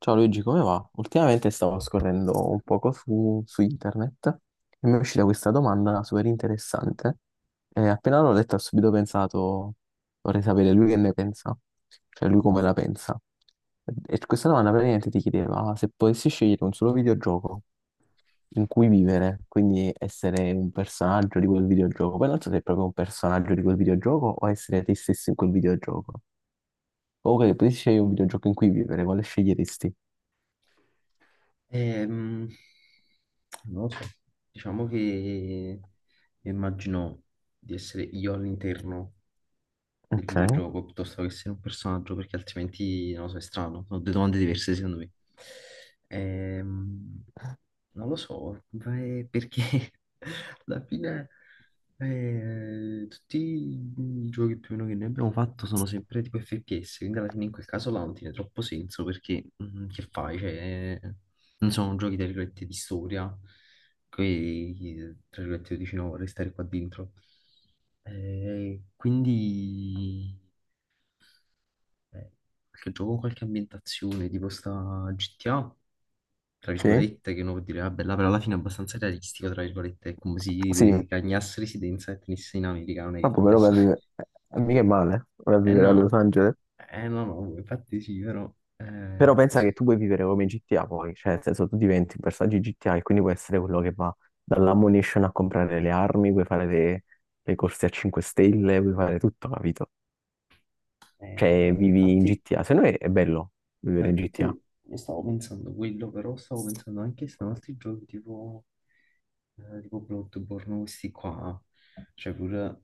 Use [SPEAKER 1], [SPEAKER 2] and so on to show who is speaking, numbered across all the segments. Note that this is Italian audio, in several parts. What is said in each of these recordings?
[SPEAKER 1] Ciao Luigi, come va? Ultimamente stavo scorrendo un poco su internet e mi è uscita questa domanda super interessante e appena l'ho letta ho subito pensato, vorrei sapere lui che ne pensa, cioè lui come la pensa. E questa domanda praticamente ti chiedeva se potessi scegliere un solo videogioco in cui vivere, quindi essere un personaggio di quel videogioco, poi non so se è proprio un personaggio di quel videogioco o essere te stesso in quel videogioco. O che potessi scegliere un videogioco in cui vivere, quale sceglieresti?
[SPEAKER 2] Ehm, Non lo so, diciamo che immagino di essere io all'interno del
[SPEAKER 1] Ok,
[SPEAKER 2] videogioco piuttosto che essere un personaggio, perché altrimenti non lo so, è strano. Sono due domande diverse secondo me. Ehm, Non lo so, ma è perché alla fine, tutti i giochi più o meno che noi abbiamo fatto sono sempre tipo FPS, quindi alla fine in quel caso là non tiene troppo senso perché che fai? Cioè, non sono giochi tra virgolette di storia, che tra virgolette io dici no, vorrei stare qua dentro. Quindi eh, qualche gioco con qualche ambientazione tipo sta GTA tra
[SPEAKER 1] sì,
[SPEAKER 2] virgolette, che uno può dire, vabbè, là però alla fine è abbastanza realistico, tra virgolette, è come se
[SPEAKER 1] sì,
[SPEAKER 2] gli cagnasse residenza e tenesse in America, non è che
[SPEAKER 1] vabbè, però vai a
[SPEAKER 2] cambiasse.
[SPEAKER 1] vivere, mica è male, vai a
[SPEAKER 2] Eh
[SPEAKER 1] vivere a Los
[SPEAKER 2] no,
[SPEAKER 1] Angeles,
[SPEAKER 2] eh no, no, infatti sì, però
[SPEAKER 1] però
[SPEAKER 2] è
[SPEAKER 1] pensa
[SPEAKER 2] così.
[SPEAKER 1] che tu puoi vivere come GTA poi, cioè nel senso tu diventi un personaggio GTA e quindi puoi essere quello che va dall'ammunition a comprare le armi, puoi fare le corse a 5 stelle, puoi fare tutto, capito? Cioè
[SPEAKER 2] No,
[SPEAKER 1] vivi in
[SPEAKER 2] infatti.
[SPEAKER 1] GTA, se no è bello
[SPEAKER 2] No,
[SPEAKER 1] vivere in
[SPEAKER 2] infatti
[SPEAKER 1] GTA.
[SPEAKER 2] io stavo pensando quello, però stavo pensando anche se altri giochi tipo Bloodborne, questi qua, cioè pure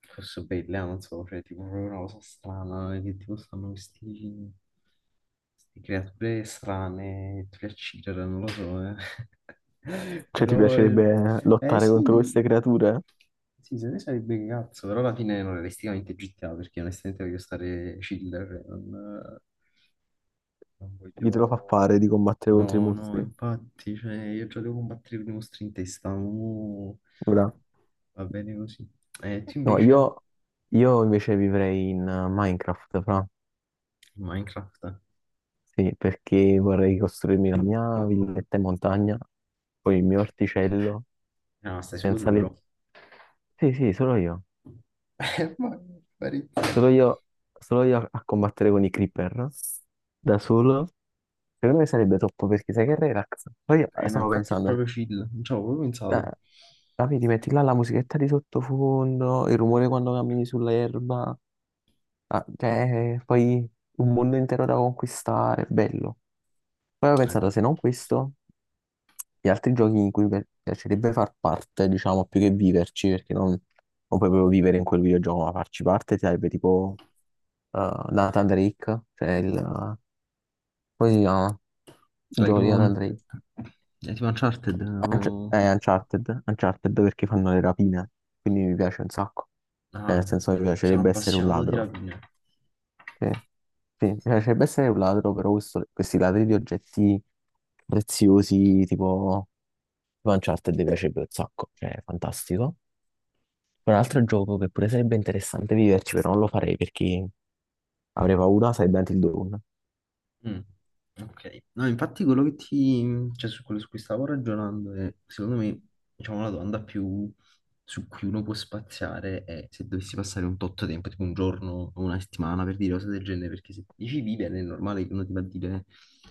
[SPEAKER 2] forse belle, ah, non so, cioè tipo proprio una cosa strana, che tipo stanno questi creature strane, tu le uccidi, non lo so, eh.
[SPEAKER 1] Cioè ti
[SPEAKER 2] Però,
[SPEAKER 1] piacerebbe lottare contro
[SPEAKER 2] sì,
[SPEAKER 1] queste creature?
[SPEAKER 2] sì, se ne sarebbe che cazzo, però alla fine non realisticamente GTA, perché onestamente voglio stare chill, cioè, non... Non
[SPEAKER 1] Chi te lo fa
[SPEAKER 2] voglio...
[SPEAKER 1] fare di combattere contro i
[SPEAKER 2] No, no,
[SPEAKER 1] mostri?
[SPEAKER 2] infatti, cioè, io già devo combattere con i mostri in testa, mo
[SPEAKER 1] Bravo.
[SPEAKER 2] va bene così. E tu
[SPEAKER 1] No,
[SPEAKER 2] invece,
[SPEAKER 1] io, io invece vivrei in Minecraft, fra.
[SPEAKER 2] Minecraft?
[SPEAKER 1] Sì, perché vorrei costruirmi la mia villetta in montagna, poi il mio orticello,
[SPEAKER 2] No, stai solo tu
[SPEAKER 1] senza le...
[SPEAKER 2] però.
[SPEAKER 1] Sì, sì, solo io.
[SPEAKER 2] Ma
[SPEAKER 1] Solo
[SPEAKER 2] parecchio.
[SPEAKER 1] io, solo io a combattere con i creeper, da solo. Secondo me sarebbe troppo, perché sai che relax. Poi
[SPEAKER 2] Eh no,
[SPEAKER 1] stavo
[SPEAKER 2] infatti è
[SPEAKER 1] pensando,
[SPEAKER 2] proprio chill, non ci avevo proprio pensato.
[SPEAKER 1] la, la vedi, metti là la musichetta di sottofondo, il rumore quando cammini sull'erba, ah, cioè, poi un mondo intero da conquistare, bello. Poi ho pensato,
[SPEAKER 2] Però.
[SPEAKER 1] se non questo, gli altri giochi in cui mi piacerebbe far parte, diciamo, più che viverci, perché non puoi proprio vivere in quel videogioco, ma farci parte sarebbe tipo Nathan Drake, cioè il... come si chiama? Il
[SPEAKER 2] Sai,
[SPEAKER 1] gioco di
[SPEAKER 2] tipo,
[SPEAKER 1] Nathan Drake.
[SPEAKER 2] è tipo Uncharted, o...
[SPEAKER 1] Uncharted, Uncharted perché fanno le rapine, quindi mi piace un sacco. Cioè, nel
[SPEAKER 2] Ah,
[SPEAKER 1] senso, mi
[SPEAKER 2] sono
[SPEAKER 1] piacerebbe essere un
[SPEAKER 2] appassionato di
[SPEAKER 1] ladro.
[SPEAKER 2] rapine.
[SPEAKER 1] Sì, sì, mi piacerebbe essere un ladro, però questi ladri di oggetti preziosi, tipo... tipo Uncharted mi piacerebbe un sacco, cioè, è fantastico. Un altro gioco che pure sarebbe interessante viverci, però non lo farei perché avrei paura, sarebbe Until Dawn.
[SPEAKER 2] Mm, ok, no, infatti quello che ti, cioè su quello su cui stavo ragionando è, secondo me, diciamo, la domanda più su cui uno può spaziare è se dovessi passare un tot tempo, tipo un giorno o una settimana per dire cose del genere, perché se dici vivere è normale che uno ti va a dire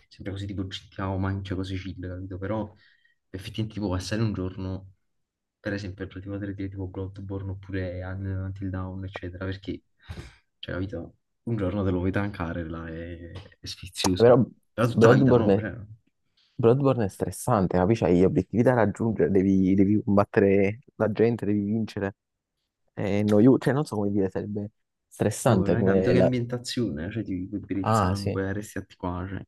[SPEAKER 2] sempre così tipo città o mangia cose chill, capito? Però effettivamente tipo passare un giorno per esempio, per ultimo 3D tipo Bloodborne oppure Until Dawn, eccetera, perché, cioè, capito, un giorno te lo vuoi tankare, là, è
[SPEAKER 1] Però
[SPEAKER 2] sfizioso. Però tutta la vita
[SPEAKER 1] Bloodborne,
[SPEAKER 2] no,
[SPEAKER 1] è-
[SPEAKER 2] cioè,
[SPEAKER 1] Bloodborne è stressante, capisci? Hai gli obiettivi da raggiungere, devi combattere la gente, devi vincere. È noioso, cioè non so come dire, sarebbe
[SPEAKER 2] allora,
[SPEAKER 1] stressante
[SPEAKER 2] hai capito
[SPEAKER 1] come
[SPEAKER 2] che
[SPEAKER 1] la...
[SPEAKER 2] ambientazione, cioè, ti puoi bere il
[SPEAKER 1] Ah, sì,
[SPEAKER 2] sangue, resti atti qua, cioè.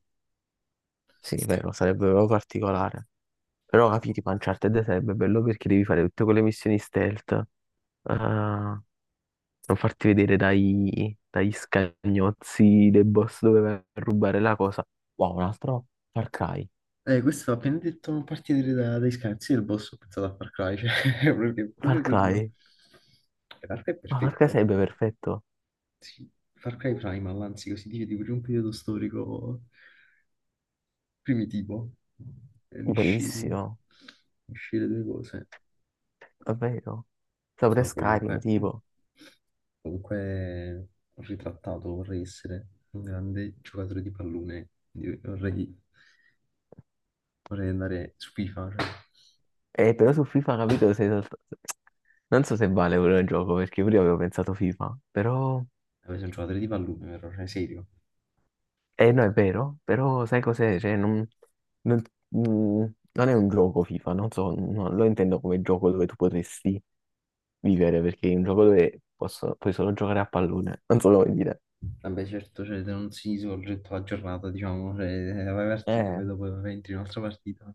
[SPEAKER 1] sì, è vero, sarebbe proprio particolare. Però capire, Uncharted sarebbe bello perché devi fare tutte quelle missioni stealth. Ah, non farti vedere dagli scagnozzi dei boss dove vai a rubare la cosa. Wow, un altro Far Cry.
[SPEAKER 2] Questo ha appena detto non partire dai scherzi del boss, ho pensato a Far Cry, cioè, è
[SPEAKER 1] Far
[SPEAKER 2] proprio quello.
[SPEAKER 1] Cry?
[SPEAKER 2] E Far Cry è
[SPEAKER 1] Ma Far Cry
[SPEAKER 2] perfetto,
[SPEAKER 1] sarebbe perfetto.
[SPEAKER 2] sì. Far Cry Primal, anzi, così dice, di un periodo storico primitivo. E unisci,
[SPEAKER 1] Bellissimo,
[SPEAKER 2] unisci le due cose.
[SPEAKER 1] è vero. Sopra
[SPEAKER 2] No, comunque,
[SPEAKER 1] Skyrim, tipo.
[SPEAKER 2] comunque ritrattato vorrei essere un grande giocatore di pallone. Quindi vorrei andare su FIFA, cioè,
[SPEAKER 1] Però su FIFA, capito, sei solt- non so se vale quello il gioco, perché prima avevo pensato FIFA, però...
[SPEAKER 2] vorrei essere un giocatore di pallone, però, cioè, serio.
[SPEAKER 1] No, è vero, però sai cos'è? Cioè, non... Non, mm, non è un gioco FIFA, non so, non lo intendo come gioco dove tu potresti vivere perché è un gioco dove posso- puoi solo giocare a pallone, non so come dire.
[SPEAKER 2] Vabbè, certo, cioè, non si svolge tutta la giornata, diciamo, cioè, vai partita,
[SPEAKER 1] Eh,
[SPEAKER 2] poi dopo entri in un'altra partita.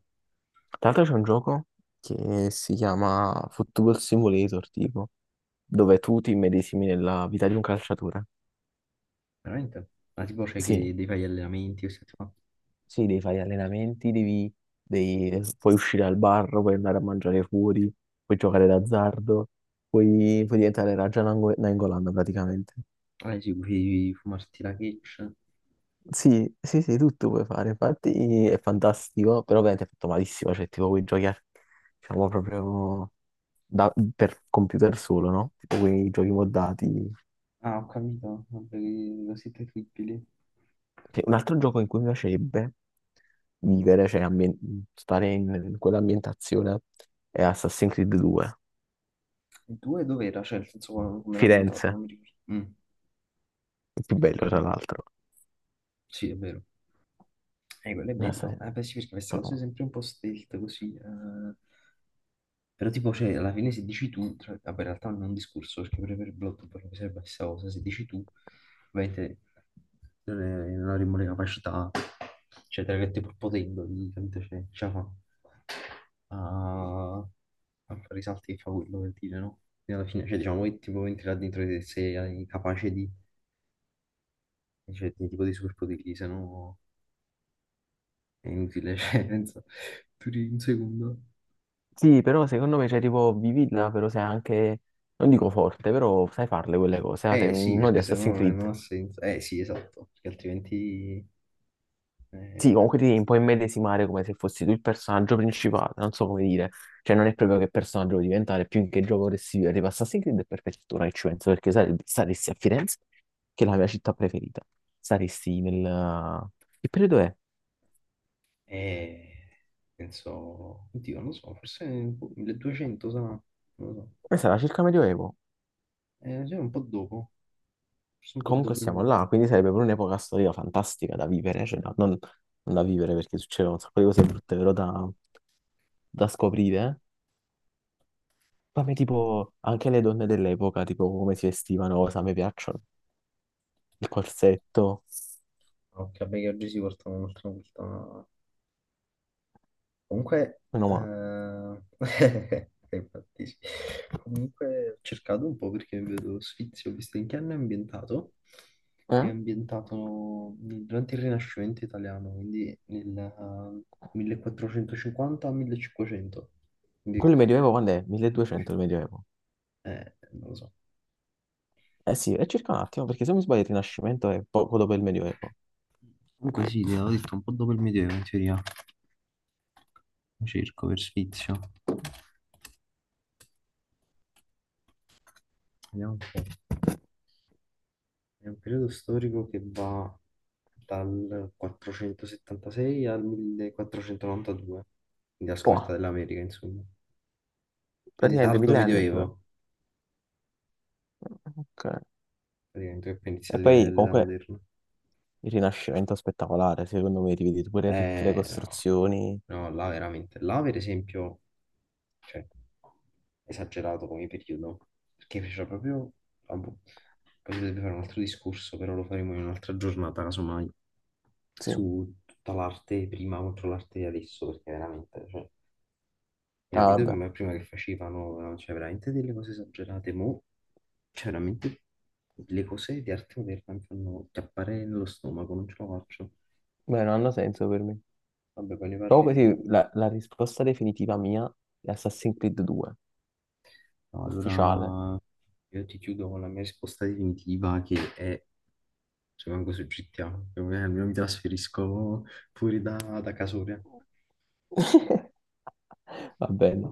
[SPEAKER 1] tra l'altro c'è un gioco che si chiama Football Simulator, tipo, dove tu ti immedesimi nella vita di un calciatore.
[SPEAKER 2] Veramente? Ma tipo, c'è che
[SPEAKER 1] Sì,
[SPEAKER 2] devi fare gli allenamenti, queste cose qua.
[SPEAKER 1] sì, devi fare gli allenamenti, puoi uscire al bar, puoi andare a mangiare fuori, puoi giocare d'azzardo, puoi diventare Raja Nainggolan praticamente.
[SPEAKER 2] Ah, sì, puoi fumarti la catch.
[SPEAKER 1] Sì, sì, sì, tutto puoi fare, infatti è fantastico, però ovviamente è fatto malissimo, cioè tipo quei giochi, diciamo proprio per computer solo, no? Tipo quei giochi moddati.
[SPEAKER 2] Ah, ho capito, vabbè, lo siete terribili.
[SPEAKER 1] Cioè, un altro gioco in cui mi piacerebbe vivere, cioè stare in quell'ambientazione, è Assassin's Creed 2,
[SPEAKER 2] Il 2 dov'era? Cioè, nel senso come era ambientato,
[SPEAKER 1] Firenze,
[SPEAKER 2] non mi ricordo.
[SPEAKER 1] il più
[SPEAKER 2] Ho
[SPEAKER 1] bello tra
[SPEAKER 2] capito,
[SPEAKER 1] l'altro.
[SPEAKER 2] sì, è vero. Quello è bello.
[SPEAKER 1] Assassin's-
[SPEAKER 2] Beh, sì, perché queste
[SPEAKER 1] Creed,
[SPEAKER 2] cose
[SPEAKER 1] però-
[SPEAKER 2] sempre un po' stealth così. Eh. Però tipo, cioè, alla fine se dici tu, cioè, vabbè, in realtà non è un discorso, perché pure per il blog poi mi serve la stessa cosa, se dici tu, ovviamente non avremo le capacità, cioè, tra virgolette, pur potendo, di, capito, cioè, ce la fa. Ah, tanto risalti che fa quello per dire, no? Quindi alla fine, cioè, diciamo, che tipo venti là dentro di te sei capace di, cioè, di tipo di superpoteri, se no è inutile, cioè, penso, duri un secondo.
[SPEAKER 1] Sì, però secondo me, cioè tipo, vivila, però sei anche, non dico forte, però sai farle quelle cose, ah, sei
[SPEAKER 2] Eh sì,
[SPEAKER 1] uno di
[SPEAKER 2] perché se
[SPEAKER 1] Assassin's
[SPEAKER 2] no non
[SPEAKER 1] Creed.
[SPEAKER 2] ha senso. Eh sì, esatto, perché altrimenti,
[SPEAKER 1] Sì,
[SPEAKER 2] eh,
[SPEAKER 1] comunque ti devi un po' immedesimare come se fossi tu il personaggio principale, non so come dire, cioè non è proprio che personaggio vuoi diventare, più in che gioco vorresti vivere, tipo Assassin's Creed è perfetto, ora che ci penso, perché saresti a Firenze, che è la mia città preferita, saresti nel... Che periodo è?
[SPEAKER 2] eh, penso, oddio, non lo so, forse boh, 1200 sarà, non lo so.
[SPEAKER 1] Sarà circa Medioevo,
[SPEAKER 2] Cioè, un po' dopo, forse un po'
[SPEAKER 1] comunque
[SPEAKER 2] dopo il
[SPEAKER 1] siamo
[SPEAKER 2] 1000.
[SPEAKER 1] là, quindi sarebbe pure un'epoca storica fantastica da vivere, cioè non da vivere perché succedono un sacco di cose brutte, però da scoprire, ma a me tipo anche le donne dell'epoca, tipo come si vestivano, cosa mi piacciono. Il corsetto,
[SPEAKER 2] Ok, vabbè, che oggi si portano un'altra volta. Comunque,
[SPEAKER 1] meno male.
[SPEAKER 2] eh, infatti sì. Comunque ho cercato un po' perché vedo Sfizio, ho visto in che anno è ambientato.
[SPEAKER 1] Eh?
[SPEAKER 2] È ambientato durante il Rinascimento italiano, quindi nel 1450-1500. Quindi,
[SPEAKER 1] Quello del Medioevo quando è?
[SPEAKER 2] dici,
[SPEAKER 1] 1200 il Medioevo.
[SPEAKER 2] non lo so.
[SPEAKER 1] Eh sì, è circa un attimo, perché se non mi sbaglio il Rinascimento è poco dopo il Medioevo.
[SPEAKER 2] Comunque sì, ti avevo detto un po' dopo il Medioevo in teoria. Cerco per Sfizio. Vediamo un po'. È un periodo storico che va dal 476 al 1492, quindi la scoperta
[SPEAKER 1] Boh,
[SPEAKER 2] dell'America, insomma. Quindi
[SPEAKER 1] praticamente
[SPEAKER 2] tardo
[SPEAKER 1] mille anni e due.
[SPEAKER 2] medioevo,
[SPEAKER 1] Ok.
[SPEAKER 2] praticamente, che poi inizia
[SPEAKER 1] E
[SPEAKER 2] l'e-
[SPEAKER 1] poi
[SPEAKER 2] l'età
[SPEAKER 1] comunque
[SPEAKER 2] moderna.
[SPEAKER 1] il Rinascimento è spettacolare, secondo me, ti vedi pure tutte le
[SPEAKER 2] No,
[SPEAKER 1] costruzioni.
[SPEAKER 2] no, là veramente. Là, per esempio, cioè, esagerato come periodo, perché fecero proprio... ah, boh, poi si dovrebbe fare un altro discorso, però lo faremo in un'altra giornata, casomai,
[SPEAKER 1] Sì.
[SPEAKER 2] su tutta l'arte prima contro l'arte di adesso, perché veramente, cioè, era
[SPEAKER 1] Ah,
[SPEAKER 2] video che
[SPEAKER 1] vabbè.
[SPEAKER 2] prima che facevano, no, cioè veramente delle cose esagerate, mo, cioè veramente le cose di arte moderna mi fanno chiappare nello stomaco, non ce la faccio.
[SPEAKER 1] Beh, non hanno senso per me.
[SPEAKER 2] Vabbè, poi ne
[SPEAKER 1] Comunque
[SPEAKER 2] parleremo.
[SPEAKER 1] sì, la risposta definitiva mia è Assassin's Creed 2,
[SPEAKER 2] No,
[SPEAKER 1] ufficiale.
[SPEAKER 2] allora io ti chiudo con la mia risposta definitiva che è rimango su GTA, almeno mi trasferisco fuori da Casoria.
[SPEAKER 1] Va bene.